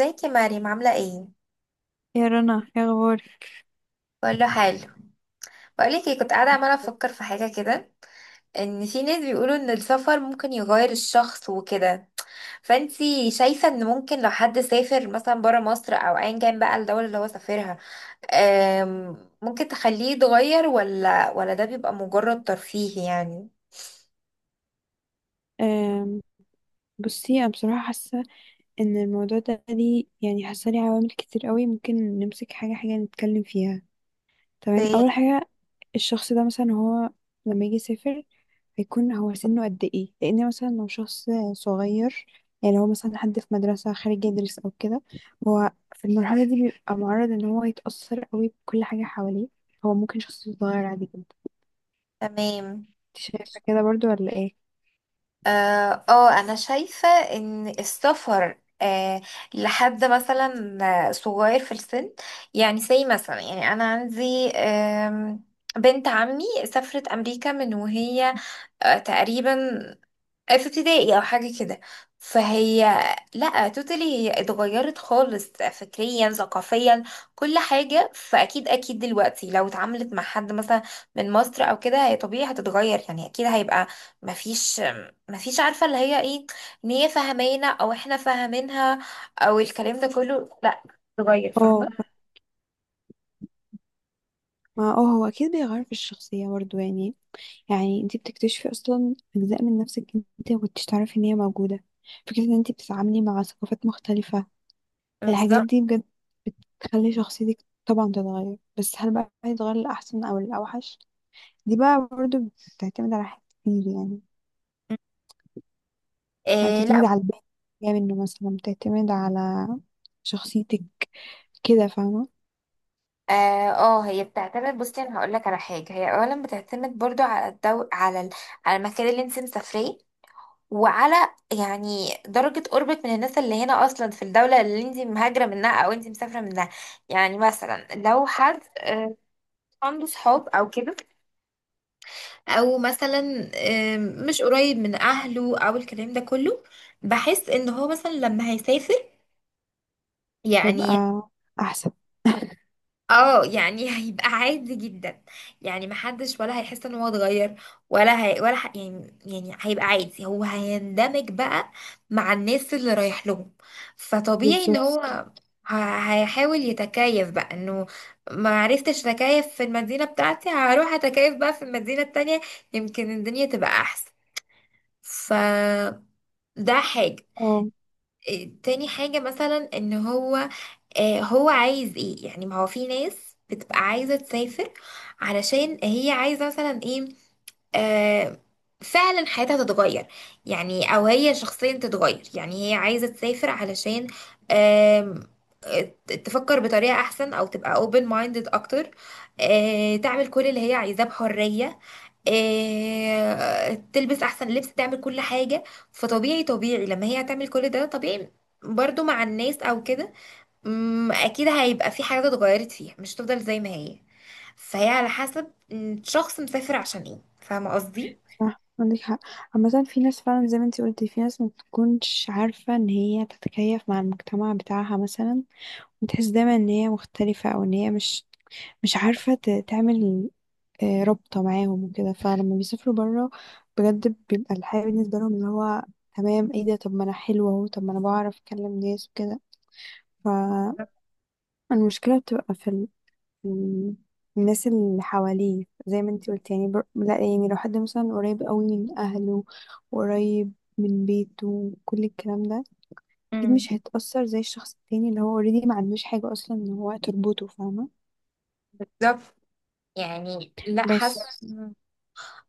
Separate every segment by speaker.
Speaker 1: ازيك يا مريم عاملة ايه؟
Speaker 2: يا رنا، يا اخبارك؟
Speaker 1: بقول له حلو. بقولك ايه، كنت قاعدة عمالة افكر في حاجة كده، ان في ناس بيقولوا ان السفر ممكن يغير الشخص وكده. فانتي شايفة ان ممكن لو حد سافر مثلا برا مصر او ايا كان بقى الدولة اللي هو سافرها، ممكن تخليه يتغير ولا ده بيبقى مجرد ترفيه يعني؟
Speaker 2: أم، بصي انا بصراحه حاسه ان الموضوع ده ليه، يعني حاسه ليه عوامل كتير قوي، ممكن نمسك حاجه حاجه نتكلم فيها. تمام،
Speaker 1: اوكي،
Speaker 2: اول حاجه الشخص ده مثلا هو لما يجي يسافر هيكون هو سنه قد ايه، لان مثلا لو شخص صغير، يعني هو مثلا حد في مدرسه خارج يدرس او كده، هو في المرحله دي بيبقى معرض ان هو يتاثر قوي بكل حاجه حواليه. هو ممكن شخص صغير عادي جدا، انت
Speaker 1: تمام.
Speaker 2: شايفه كده برضو ولا ايه؟
Speaker 1: انا شايفة ان السفر لحد مثلا صغير في السن، يعني زي مثلا، يعني انا عندي بنت عمي سافرت امريكا من وهي تقريبا في ابتدائي او حاجه كده. فهي لا، توتالي هي اتغيرت خالص فكريا ثقافيا كل حاجه. فاكيد اكيد دلوقتي لو اتعاملت مع حد مثلا من مصر او كده، هي طبيعي هتتغير، يعني اكيد هيبقى مفيش مفيش عارفه اللي هي ايه، ان هي فاهمانا او احنا فاهمينها او الكلام ده كله، لا، اتغير،
Speaker 2: اه،
Speaker 1: فاهمه.
Speaker 2: ما اه هو اكيد بيغير في الشخصية برضو، يعني انت بتكتشفي اصلا اجزاء من نفسك انت ما كنتش تعرفي ان هي موجودة. فكرة ان انت بتتعاملي مع ثقافات مختلفة، الحاجات
Speaker 1: بالظبط.
Speaker 2: دي بجد بتخلي شخصيتك طبعا تتغير. بس هل بقى هيتغير الأحسن او الأوحش، دي بقى برضو بتعتمد على حاجات كتير يعني. يعني
Speaker 1: إيه، لا.
Speaker 2: بتعتمد على البيت جاي منه، مثلا بتعتمد على شخصيتك كده، فاهمة؟
Speaker 1: هي بتعتمد، بصي انا هقول لك على حاجه، هي اولا بتعتمد برضو على على المكان اللي انت مسافريه، وعلى يعني درجه قربك من الناس اللي هنا اصلا في الدوله اللي انت مهاجره منها او انت مسافره منها. يعني مثلا لو حد عنده صحاب او كده، او مثلا مش قريب من اهله او الكلام ده كله، بحس ان هو مثلا لما هيسافر يعني،
Speaker 2: هيبقى احسن.
Speaker 1: اه يعني هيبقى عادي جدا، يعني محدش ولا هيحس ان هو اتغير، ولا هي، يعني، يعني هيبقى عادي. هو هيندمج بقى مع الناس اللي رايح لهم، فطبيعي ان
Speaker 2: بالظبط.
Speaker 1: هو هيحاول يتكيف بقى، انه ما عرفتش اتكيف في المدينة بتاعتي، هروح اتكيف بقى في المدينة التانية، يمكن الدنيا تبقى احسن. فده حاجة.
Speaker 2: اه،
Speaker 1: إيه، تاني حاجة مثلا، ان هو هو عايز ايه يعني. ما هو في ناس بتبقى عايزة تسافر علشان هي عايزة مثلا ايه، آه، فعلا حياتها تتغير يعني، او هي شخصيا تتغير. يعني هي عايزة تسافر علشان آم، آه، تفكر بطريقة احسن، او تبقى open minded اكتر، تعمل كل اللي هي عايزاه بحرية، تلبس احسن لبس، تعمل كل حاجة. فطبيعي، طبيعي لما هي هتعمل كل ده، طبيعي برضو مع الناس او كده، اكيد هيبقى في حاجات اتغيرت فيها، مش هتفضل زي ما هي. فهي على حسب، الشخص مسافر عشان ايه، فاهمه قصدي.
Speaker 2: صح عندك حق. عامة في ناس فعلا زي ما انتي قلتي في ناس ما بتكونش عارفة ان هي تتكيف مع المجتمع بتاعها مثلا، بتحس دايما ان هي مختلفة او ان هي مش عارفة تعمل رابطة معاهم وكده. فلما بيسافروا برا بجد بيبقى الحياة بالنسبة لهم اللي هو تمام، ايه ده، طب ما انا حلوة اهو، طب ما انا بعرف اكلم ناس وكده. فالمشكلة بتبقى في مم. الناس اللي حواليه، زي ما انتي قلت. يعني لا يعني لو حد مثلا قريب قوي من اهله وقريب من بيته كل الكلام ده اكيد
Speaker 1: امم.
Speaker 2: مش هيتأثر زي الشخص التاني اللي هو اوريدي ما عندوش حاجة اصلا ان هو تربطه، فاهمة؟
Speaker 1: بالظبط، يعني لا حاسه
Speaker 2: بس.
Speaker 1: بس.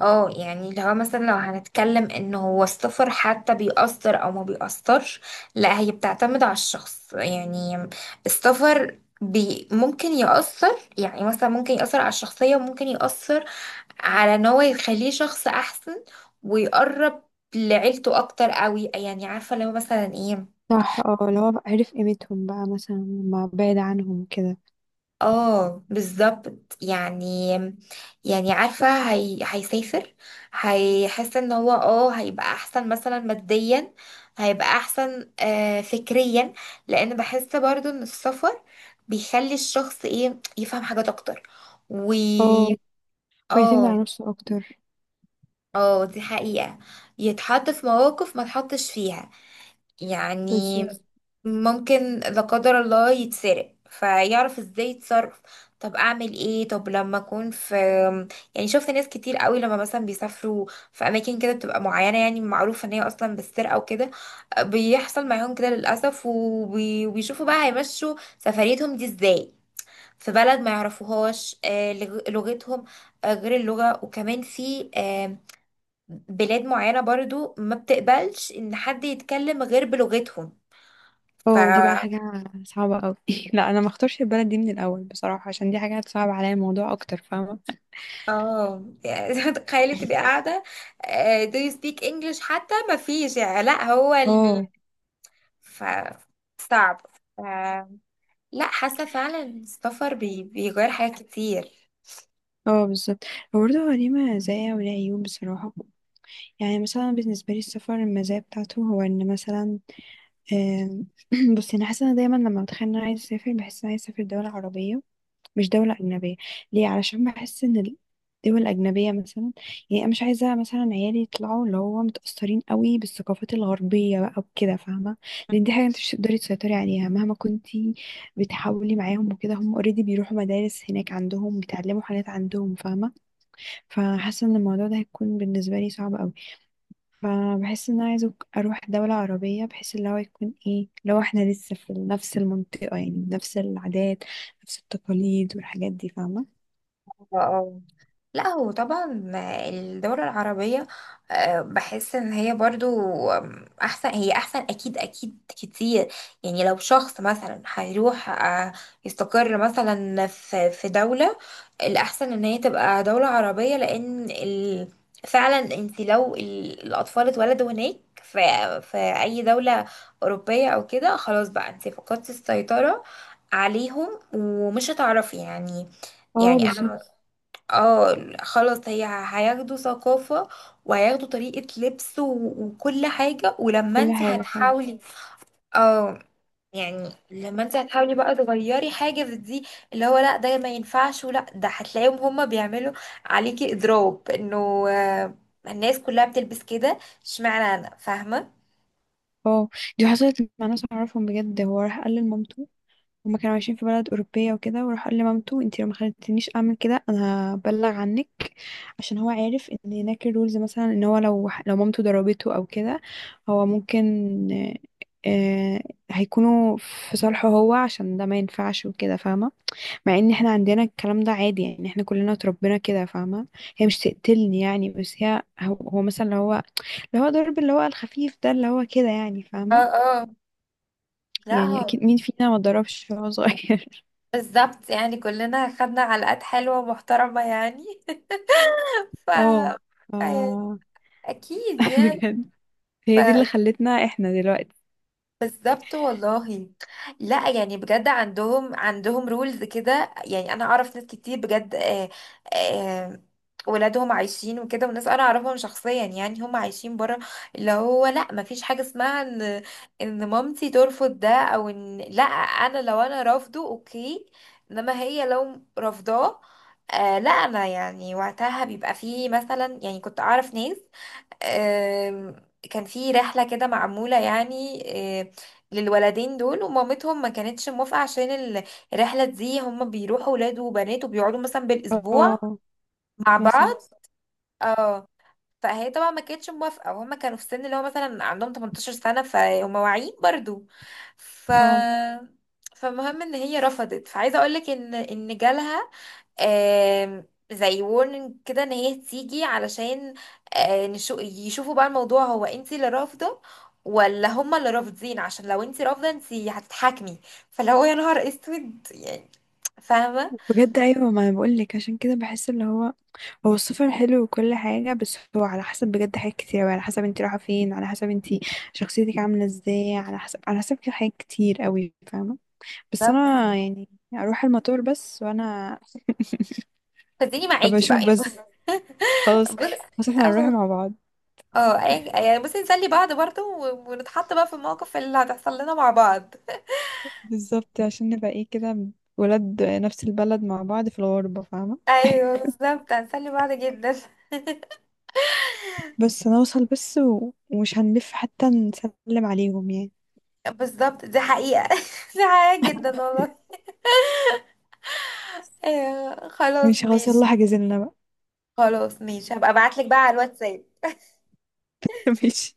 Speaker 1: اه، يعني اللي هو مثلا لو هنتكلم ان هو السفر حتى بيأثر او ما بيأثرش، لا هي بتعتمد على الشخص يعني. السفر بي ممكن يأثر، يعني مثلا ممكن يأثر على الشخصية، وممكن يأثر على ان هو يخليه شخص احسن ويقرب لعيلته اكتر قوي. يعني عارفة لو مثلا ايه،
Speaker 2: صح، اه اللي هو بقى عرف قيمتهم بقى مثلا لما بعد عنهم كده.
Speaker 1: اه بالظبط يعني. يعني عارفة، هي... هيسافر، هيحس ان هو اه هيبقى احسن مثلا ماديا، هيبقى احسن فكريا، لان بحس برضو ان السفر بيخلي الشخص ايه، يفهم حاجات اكتر و،
Speaker 2: اه، بيعتمد
Speaker 1: اه.
Speaker 2: على نفسه اكتر.
Speaker 1: اه دي حقيقة. يتحط في مواقف ما تحطش فيها يعني.
Speaker 2: بالظبط.
Speaker 1: ممكن لا قدر الله يتسرق فيعرف ازاي يتصرف، طب اعمل ايه، طب لما اكون في. يعني شفت ناس كتير قوي لما مثلا بيسافروا في اماكن كده بتبقى معينه، يعني معروفه ان هي اصلا بالسرقه وكده، بيحصل معاهم كده للاسف، وبيشوفوا بقى هيمشوا سفريتهم دي ازاي في بلد ما يعرفوهاش لغتهم، غير اللغه، وكمان في بلاد معينه برضو ما بتقبلش ان حد يتكلم غير بلغتهم. ف،
Speaker 2: اه، دي بقى حاجة صعبة قوي. لا انا ما اختارش البلد دي من الاول بصراحة عشان دي حاجة هتصعب عليا الموضوع اكتر، فاهمة؟
Speaker 1: اه يعني تخيلي تبقي قاعدة، do you speak English، حتى ما فيش، يعني لا هو ال...
Speaker 2: اه،
Speaker 1: ف... صعب. ف... لا حاسة فعلا السفر بي... بيغير حاجات كتير.
Speaker 2: اه، بالظبط. هو برضه هو ليه مزايا وليه عيوب بصراحة. يعني مثلا بالنسبة لي السفر المزايا بتاعته هو ان مثلا آم، بصي انا حاسة ان دايما لما بتخيل ان انا عايزة اسافر بحس ان انا عايزة اسافر دولة عربية مش دولة أجنبية. ليه؟ علشان بحس ان الدول الأجنبية مثلا، يعني انا مش عايزة مثلا عيالي يطلعوا اللي هو متأثرين قوي بالثقافات الغربية بقى وكده، فاهمة؟ لان دي حاجة انت مش تقدري تسيطري عليها مهما كنتي بتحاولي معاهم وكده، هم اوريدي بيروحوا مدارس هناك عندهم بيتعلموا حاجات عندهم، فاهمة؟ فحاسة ان الموضوع ده هيكون بالنسبة لي صعب قوي. فبحس ان انا عايزة اروح دولة عربية بحيث اللي هو يكون ايه، لو احنا لسه في نفس المنطقة، يعني نفس العادات نفس التقاليد والحاجات دي، فاهمة؟
Speaker 1: اه، لا هو طبعا الدولة العربية بحس ان هي برضو احسن، هي احسن اكيد، اكيد كتير. يعني لو شخص مثلا هيروح يستقر مثلا في دولة، الاحسن ان هي تبقى دولة عربية، لان ال... فعلا انت لو الاطفال اتولدوا هناك في في اي دولة اوروبية او كده، خلاص بقى انت فقدتي السيطرة عليهم، ومش هتعرفي يعني.
Speaker 2: اه،
Speaker 1: يعني
Speaker 2: بالظبط،
Speaker 1: انا، اه خلاص، هي هياخدوا ثقافة، وهياخدوا طريقة لبس وكل حاجة. ولما
Speaker 2: كل
Speaker 1: انت
Speaker 2: حاجة فعلا.
Speaker 1: هتحاولي، اه يعني لما انت هتحاولي بقى تغيري حاجة في دي، اللي هو لا ده ما ينفعش، ولا ده هتلاقيهم هما بيعملوا عليكي اضراب، انه الناس كلها بتلبس كده اشمعنى انا، فاهمة.
Speaker 2: اه، دي حصلت مع ناس اعرفهم بجد. هو راح قال لمامته، هما كانوا عايشين في بلد أوروبية وكده، وراح قال لمامته انتي لو ما خلتنيش أعمل كده أنا هبلغ عنك. عشان هو عارف ان هناك الرولز مثلا ان هو لو مامته ضربته أو كده هو ممكن آه، هيكونوا في صالحه هو، عشان ده ما ينفعش وكده، فاهمة؟ مع ان احنا عندنا الكلام ده عادي، يعني احنا كلنا اتربينا كده، فاهمة؟ هي مش تقتلني يعني، بس هي هو مثلا اللي هو اللي هو ضرب اللي هو الخفيف ده اللي هو كده يعني،
Speaker 1: اه
Speaker 2: فاهمة؟
Speaker 1: اه. لا
Speaker 2: يعني
Speaker 1: هو،
Speaker 2: اكيد مين فينا ما ضربش وهو صغير.
Speaker 1: بالظبط يعني، كلنا خدنا علقات حلوة ومحترمة يعني ف،
Speaker 2: اه،
Speaker 1: يعني
Speaker 2: ف
Speaker 1: اكيد يعني.
Speaker 2: بجد.
Speaker 1: ف-
Speaker 2: هي دي اللي خلتنا احنا دلوقتي.
Speaker 1: بالظبط والله. لا يعني بجد، عندهم رولز كده، يعني انا اعرف ناس كتير بجد آه، آه، ولادهم عايشين وكده، وناس انا اعرفهم شخصيا يعني هم عايشين بره، اللي هو لا ما فيش حاجه اسمها ان ان مامتي ترفض ده، او ان لا انا لو انا رافضه اوكي، انما هي لو رافضاه، آه لا انا يعني وقتها بيبقى فيه. مثلا يعني كنت اعرف ناس، آم، كان في رحلة كده معمولة يعني، آه، للولدين دول، ومامتهم ما كانتش موافقة عشان الرحلة دي هم بيروحوا ولاد وبنات وبيقعدوا مثلا بالأسبوع
Speaker 2: اه،
Speaker 1: مع
Speaker 2: مثلا
Speaker 1: بعض. اه فهي طبعا ما كانتش موافقه، وهم كانوا في السن اللي هو مثلا عندهم 18 سنه، فهم واعيين برضو. ف،
Speaker 2: اه،
Speaker 1: فمهم ان هي رفضت، فعايزه اقول لك ان ان جالها آم، زي وورنينج كده، ان هي تيجي علشان يشوفوا بقى الموضوع، هو انت اللي رافضه ولا هما اللي رافضين، عشان لو انت رافضه انت هتتحاكمي. فلو هو، يا نهار اسود يعني، فاهمه.
Speaker 2: بجد ايوه ما انا بقول لك عشان كده بحس اللي هو هو السفر حلو وكل حاجه، بس هو على حسب بجد حاجات كتير قوي. على حسب انت رايحه فين، على حسب انت شخصيتك عامله ازاي، على حسب كده حاجات كتير قوي، فاهمه؟ بس
Speaker 1: بالظبط.
Speaker 2: انا يعني اروح المطار بس وانا
Speaker 1: فاديني
Speaker 2: ابقى
Speaker 1: معاكي بقى
Speaker 2: اشوف بس، خلاص.
Speaker 1: بص-
Speaker 2: بس احنا هنروح
Speaker 1: أهو.
Speaker 2: مع بعض،
Speaker 1: اه، يعني بس نسلي بعض برضه ونتحط بقى في المواقف اللي هتحصل لنا مع بعض.
Speaker 2: بالظبط. عشان نبقى ايه كده، ولاد نفس البلد مع بعض في الغربه، فاهمه؟
Speaker 1: ايوه بالظبط، هنسلي بعض جدا.
Speaker 2: بس نوصل بس ومش هنلف حتى نسلم عليهم يعني.
Speaker 1: بالظبط دي حقيقة دي حقيقة جدا والله. ايوه خلاص
Speaker 2: ماشي خلاص،
Speaker 1: ماشي.
Speaker 2: يلا حجزلنا بقى.
Speaker 1: خلاص ماشي، هبقى ابعتلك بقى على الواتساب
Speaker 2: ماشي،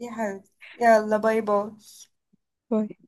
Speaker 1: يا حبيبتي. يلا باي باي.
Speaker 2: باي.